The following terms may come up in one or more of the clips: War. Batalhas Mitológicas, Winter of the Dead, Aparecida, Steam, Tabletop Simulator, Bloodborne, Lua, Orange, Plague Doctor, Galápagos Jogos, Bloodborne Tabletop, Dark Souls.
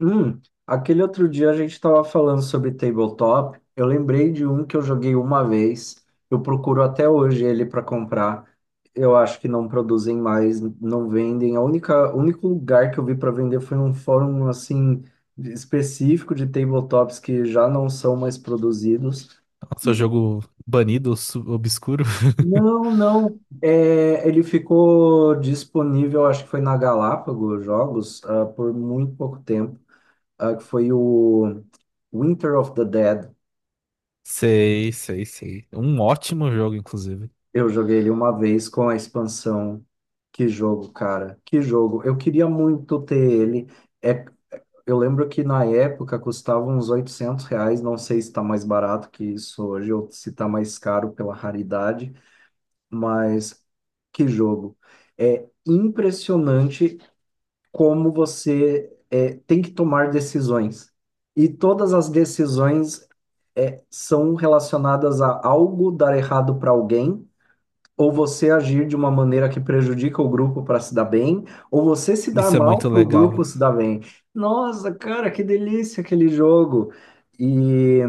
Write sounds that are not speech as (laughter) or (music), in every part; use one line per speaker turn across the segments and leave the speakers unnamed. Hum, aquele outro dia a gente estava falando sobre tabletop. Eu lembrei de um que eu joguei uma vez. Eu procuro até hoje ele para comprar. Eu acho que não produzem mais, não vendem. O único lugar que eu vi para vender foi um fórum assim específico de tabletops que já não são mais produzidos.
Nossa,
E-
jogo banido, obscuro.
Não, não. É, ele ficou disponível, acho que foi na Galápagos Jogos, por muito pouco tempo, que foi o Winter of the Dead.
(laughs) Sei, sei, sei. Um ótimo jogo, inclusive.
Eu joguei ele uma vez com a expansão. Que jogo, cara. Que jogo. Eu queria muito ter ele. É, eu lembro que na época custava uns R$ 800. Não sei se está mais barato que isso hoje ou se está mais caro pela raridade. Mas que jogo. É impressionante como tem que tomar decisões. E todas as decisões são relacionadas a algo dar errado para alguém, ou você agir de uma maneira que prejudica o grupo para se dar bem, ou você se dar
Isso é
mal
muito
para o
legal.
grupo se dar bem. Nossa, cara, que delícia aquele jogo! E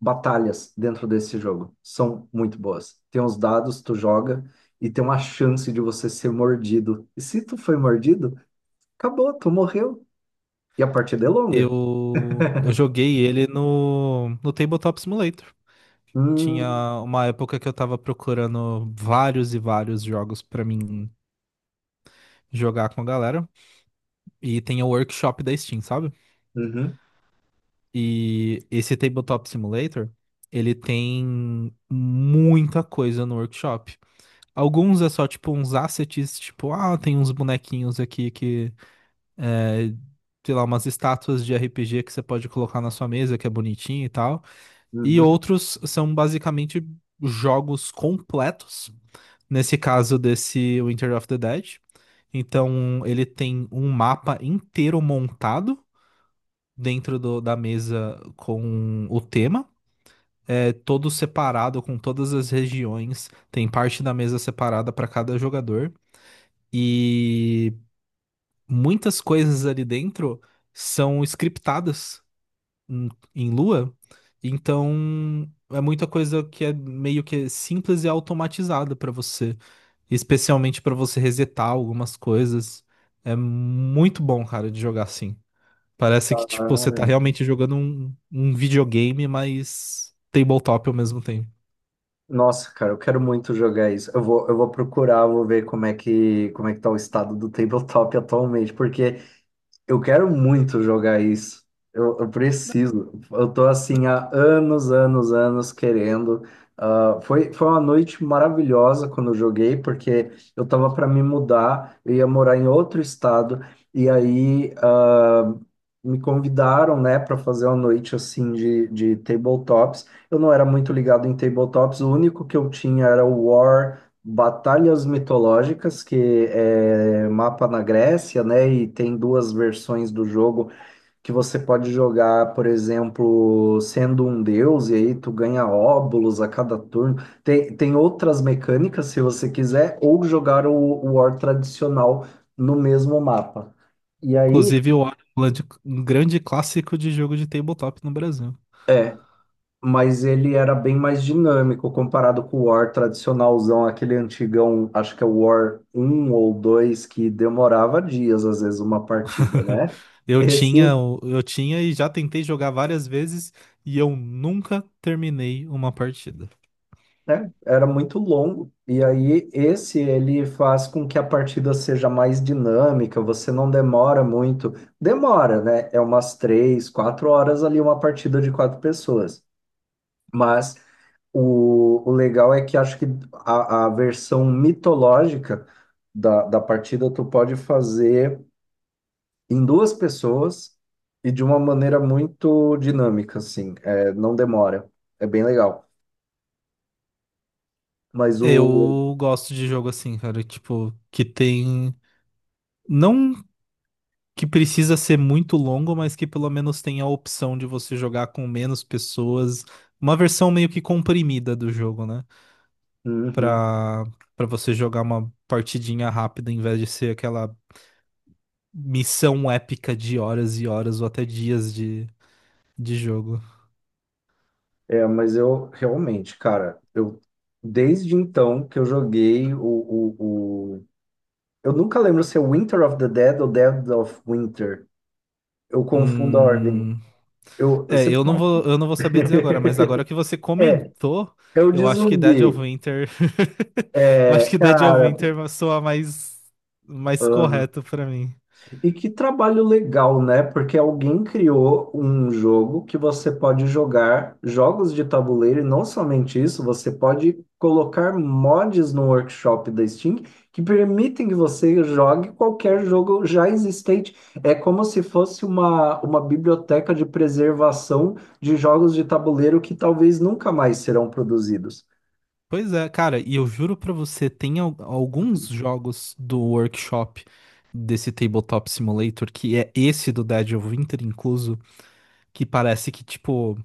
batalhas dentro desse jogo são muito boas. Tem os dados, tu joga e tem uma chance de você ser mordido. E se tu foi mordido, acabou, tu morreu. E a partida é longa.
Eu joguei ele no Tabletop Simulator.
Hum.
Tinha uma época que eu tava procurando vários e vários jogos pra mim jogar com a galera. E tem o workshop da Steam, sabe?
Uhum.
E esse Tabletop Simulator, ele tem muita coisa no workshop. Alguns é só tipo uns assets, tipo, ah, tem uns bonequinhos aqui que, é, sei lá, umas estátuas de RPG que você pode colocar na sua mesa, que é bonitinho e tal. E outros são basicamente jogos completos. Nesse caso desse Winter of the Dead. Então, ele tem um mapa inteiro montado da mesa com o tema. É todo separado com todas as regiões. Tem parte da mesa separada para cada jogador. E muitas coisas ali dentro são scriptadas em em Lua, então é muita coisa que é meio que simples e automatizada para você, especialmente para você resetar algumas coisas. É muito bom, cara, de jogar assim. Parece que tipo você tá
Uhum.
realmente jogando um videogame, mas tabletop ao mesmo tempo.
Nossa, cara, eu quero muito jogar isso. Eu vou procurar, vou ver como é que tá o estado do tabletop (laughs) atualmente, porque eu quero muito jogar isso. Eu preciso. Eu tô assim há anos, anos, anos querendo. Ah, foi uma noite maravilhosa quando eu joguei, porque eu tava para me mudar, eu ia morar em outro estado, e aí, me convidaram, né, para fazer uma noite assim de, tabletops. Eu não era muito ligado em tabletops, o único que eu tinha era o War. Batalhas Mitológicas, que é mapa na Grécia, né? E tem duas versões do jogo que você pode jogar, por exemplo, sendo um deus, e aí tu ganha óbulos a cada turno. Tem outras mecânicas, se você quiser, ou jogar o War tradicional no mesmo mapa. E aí.
Inclusive, o Orange é um grande clássico de jogo de tabletop no Brasil.
Mas ele era bem mais dinâmico comparado com o War tradicionalzão, aquele antigão, acho que é o War um ou 2 que demorava dias, às vezes, uma partida,
(laughs)
né?
Eu tinha,
Esse,
eu tinha e já tentei jogar várias vezes e eu nunca terminei uma partida.
né, era muito longo. E aí, esse, ele faz com que a partida seja mais dinâmica, você não demora muito. Demora, né? É umas 3, 4 horas ali, uma partida de 4 pessoas. Mas O, o legal é que acho que a versão mitológica da partida tu pode fazer em 2 pessoas e de uma maneira muito dinâmica, assim, é, não demora, é bem legal. Mas o.
Eu gosto de jogo assim, cara, tipo, que tem, não que precisa ser muito longo, mas que pelo menos tem a opção de você jogar com menos pessoas, uma versão meio que comprimida do jogo, né?
Uhum.
Pra, pra você jogar uma partidinha rápida em vez de ser aquela missão épica de horas e horas ou até dias de jogo.
É, mas eu realmente, cara, eu desde então que eu joguei o Eu nunca lembro se é Winter of the Dead ou Dead of Winter. Eu confundo a ordem.
Hum,
Eu
é,
sempre confundo.
eu não vou saber dizer agora, mas agora que você
É,
comentou,
eu de
eu acho que Dead of
zumbi.
Winter, (laughs) eu acho
É,
que Dead of
cara,
Winter soa mais, mais
aham.
correto pra mim.
E que trabalho legal, né? Porque alguém criou um jogo que você pode jogar jogos de tabuleiro e não somente isso, você pode colocar mods no workshop da Steam que permitem que você jogue qualquer jogo já existente. É como se fosse uma biblioteca de preservação de jogos de tabuleiro que talvez nunca mais serão produzidos.
Pois é, cara, e eu juro pra você, tem alguns jogos do workshop desse Tabletop Simulator, que é esse do Dead of Winter incluso, que parece que, tipo,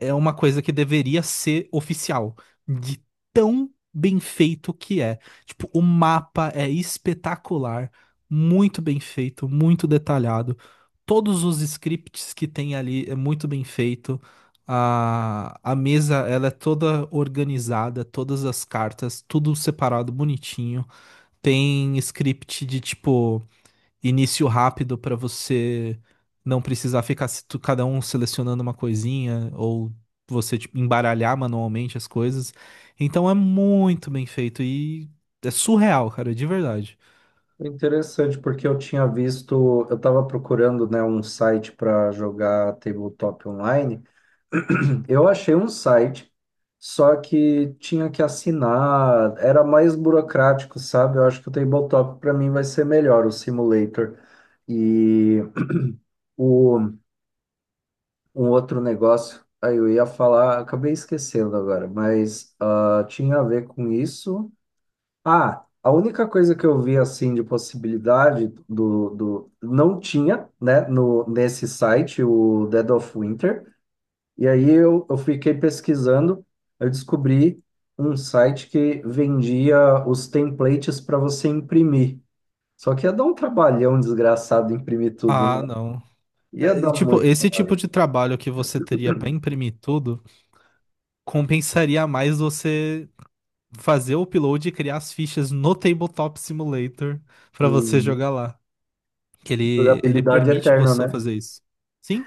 é uma coisa que deveria ser oficial, de tão bem feito que é. Tipo, o mapa é espetacular, muito bem feito, muito detalhado. Todos os scripts que tem ali é muito bem feito. A mesa, ela é toda organizada, todas as cartas, tudo separado, bonitinho. Tem script de tipo início rápido para você não precisar ficar cada um selecionando uma coisinha ou você tipo, embaralhar manualmente as coisas. Então é muito bem feito e é surreal, cara, de verdade.
Interessante, porque eu tinha visto, eu estava procurando, né, um site para jogar tabletop online. (clears throat) Eu achei um site, só que tinha que assinar, era mais burocrático, sabe? Eu acho que o tabletop para mim vai ser melhor, o simulator. E (clears throat) o, um outro negócio, aí eu ia falar, acabei esquecendo agora, mas tinha a ver com isso. Ah, a única coisa que eu vi assim de possibilidade do não tinha, né, no nesse site o Dead of Winter. E aí eu fiquei pesquisando, eu descobri um site que vendia os templates para você imprimir. Só que ia dar um trabalhão desgraçado imprimir tudo,
Ah,
né?
não.
Ia
É,
dar
e, tipo,
muito
esse tipo
trabalho.
de trabalho que você teria para imprimir tudo compensaria mais você fazer o upload e criar as fichas no Tabletop Simulator para você
Hum,
jogar lá. Que ele
durabilidade
permite
eterna,
você
né?
fazer isso. Sim,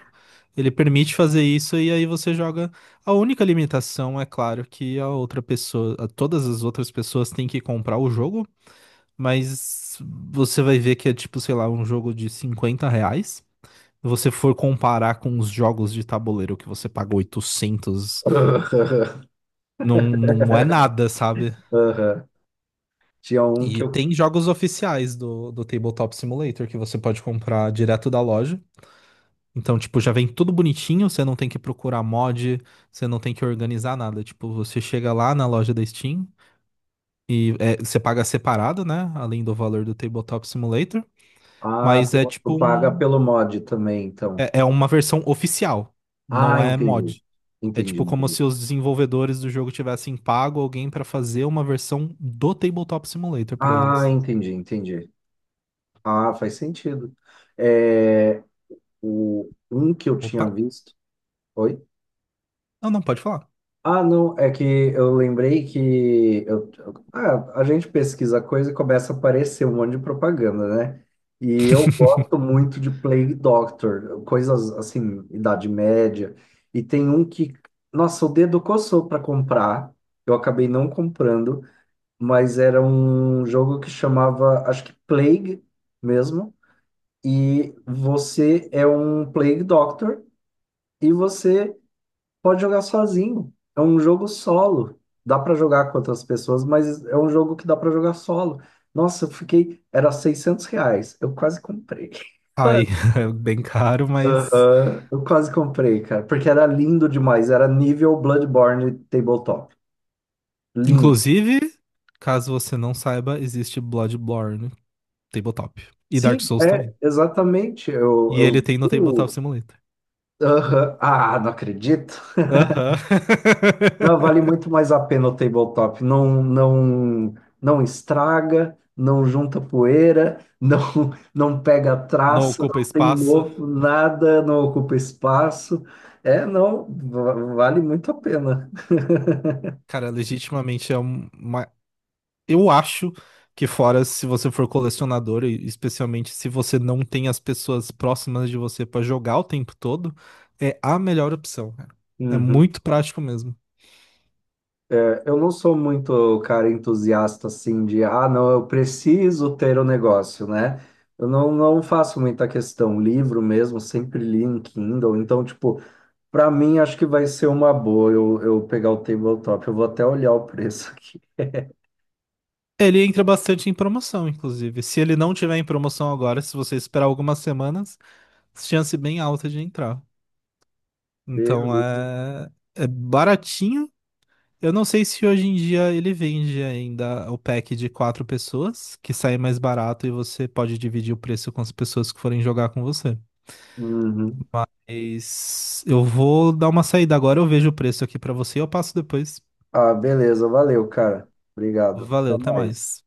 ele permite fazer isso e aí você joga. A única limitação é claro que a outra pessoa, todas as outras pessoas têm que comprar o jogo, mas você vai ver que é tipo, sei lá, um jogo de 50 reais. Se você for comparar com os jogos de tabuleiro que você paga 800
(laughs)
não, não é nada, sabe?
Aham. Tinha um que
E
eu...
tem jogos oficiais do Tabletop Simulator que você pode comprar direto da loja. Então, tipo, já vem tudo bonitinho, você não tem que procurar mod, você não tem que organizar nada. Tipo, você chega lá na loja da Steam e é, você paga separado, né? Além do valor do Tabletop Simulator.
Ah,
Mas é
tu
tipo
paga
um.
pelo mod também, então.
É uma versão oficial, não
Ah,
é
entendi.
mod. É
Entendi,
tipo como
entendi.
se os desenvolvedores do jogo tivessem pago alguém pra fazer uma versão do Tabletop Simulator pra
Ah,
eles.
entendi, entendi. Ah, faz sentido. É, o, um que eu tinha
Opa!
visto. Oi?
Não, não, pode falar.
Ah, não, é que eu lembrei que a gente pesquisa coisa e começa a aparecer um monte de propaganda, né? E eu gosto muito de Plague Doctor, coisas assim, Idade Média. E tem um que, nossa, o dedo coçou para comprar, eu acabei não comprando, mas era um jogo que chamava, acho que Plague mesmo. E você é um Plague Doctor e você pode jogar sozinho. É um jogo solo. Dá para jogar com outras pessoas, mas é um jogo que dá para jogar solo. Nossa, eu fiquei. Era R$ 600. Eu quase comprei. (laughs)
Aí,
Quase.
(laughs) é bem caro, mas.
Aham. Eu quase comprei, cara, porque era lindo demais. Era nível Bloodborne Tabletop. Lindo.
Inclusive, caso você não saiba, existe Bloodborne Tabletop. E Dark
Sim,
Souls
é,
também.
exatamente. Eu,
E ele
eu
tem no
vi.
Tabletop Simulator.
Aham. Ah, não acredito.
Aham.
Não, vale muito
(laughs)
mais a pena o tabletop. Não, não, não estraga, não junta poeira, (laughs) não pega
Não
traça,
ocupa
não tem
espaço.
mofo, nada, não ocupa espaço. É, não, vale muito a pena. (laughs)
Cara, legitimamente é um, uma. Eu acho que, fora se você for colecionador, e especialmente se você não tem as pessoas próximas de você pra jogar o tempo todo, é a melhor opção, cara. É
Uhum.
muito prático mesmo.
Eu não sou muito cara entusiasta assim de, ah, não, eu preciso ter o negócio, né? Eu não faço muita questão. Livro mesmo, sempre li em Kindle. Então, tipo, para mim, acho que vai ser uma boa eu pegar o tabletop. Eu vou até olhar o preço aqui.
Ele entra bastante em promoção, inclusive. Se ele não tiver em promoção agora, se você esperar algumas semanas, chance bem alta de entrar. Então
Beleza.
é baratinho. Eu não sei se hoje em dia ele vende ainda o pack de quatro pessoas, que sai mais barato e você pode dividir o preço com as pessoas que forem jogar com você.
Uhum.
Mas eu vou dar uma saída agora, eu vejo o preço aqui pra você e eu passo depois.
Ah, beleza. Valeu, cara. Obrigado.
Valeu,
Até
até
mais.
mais.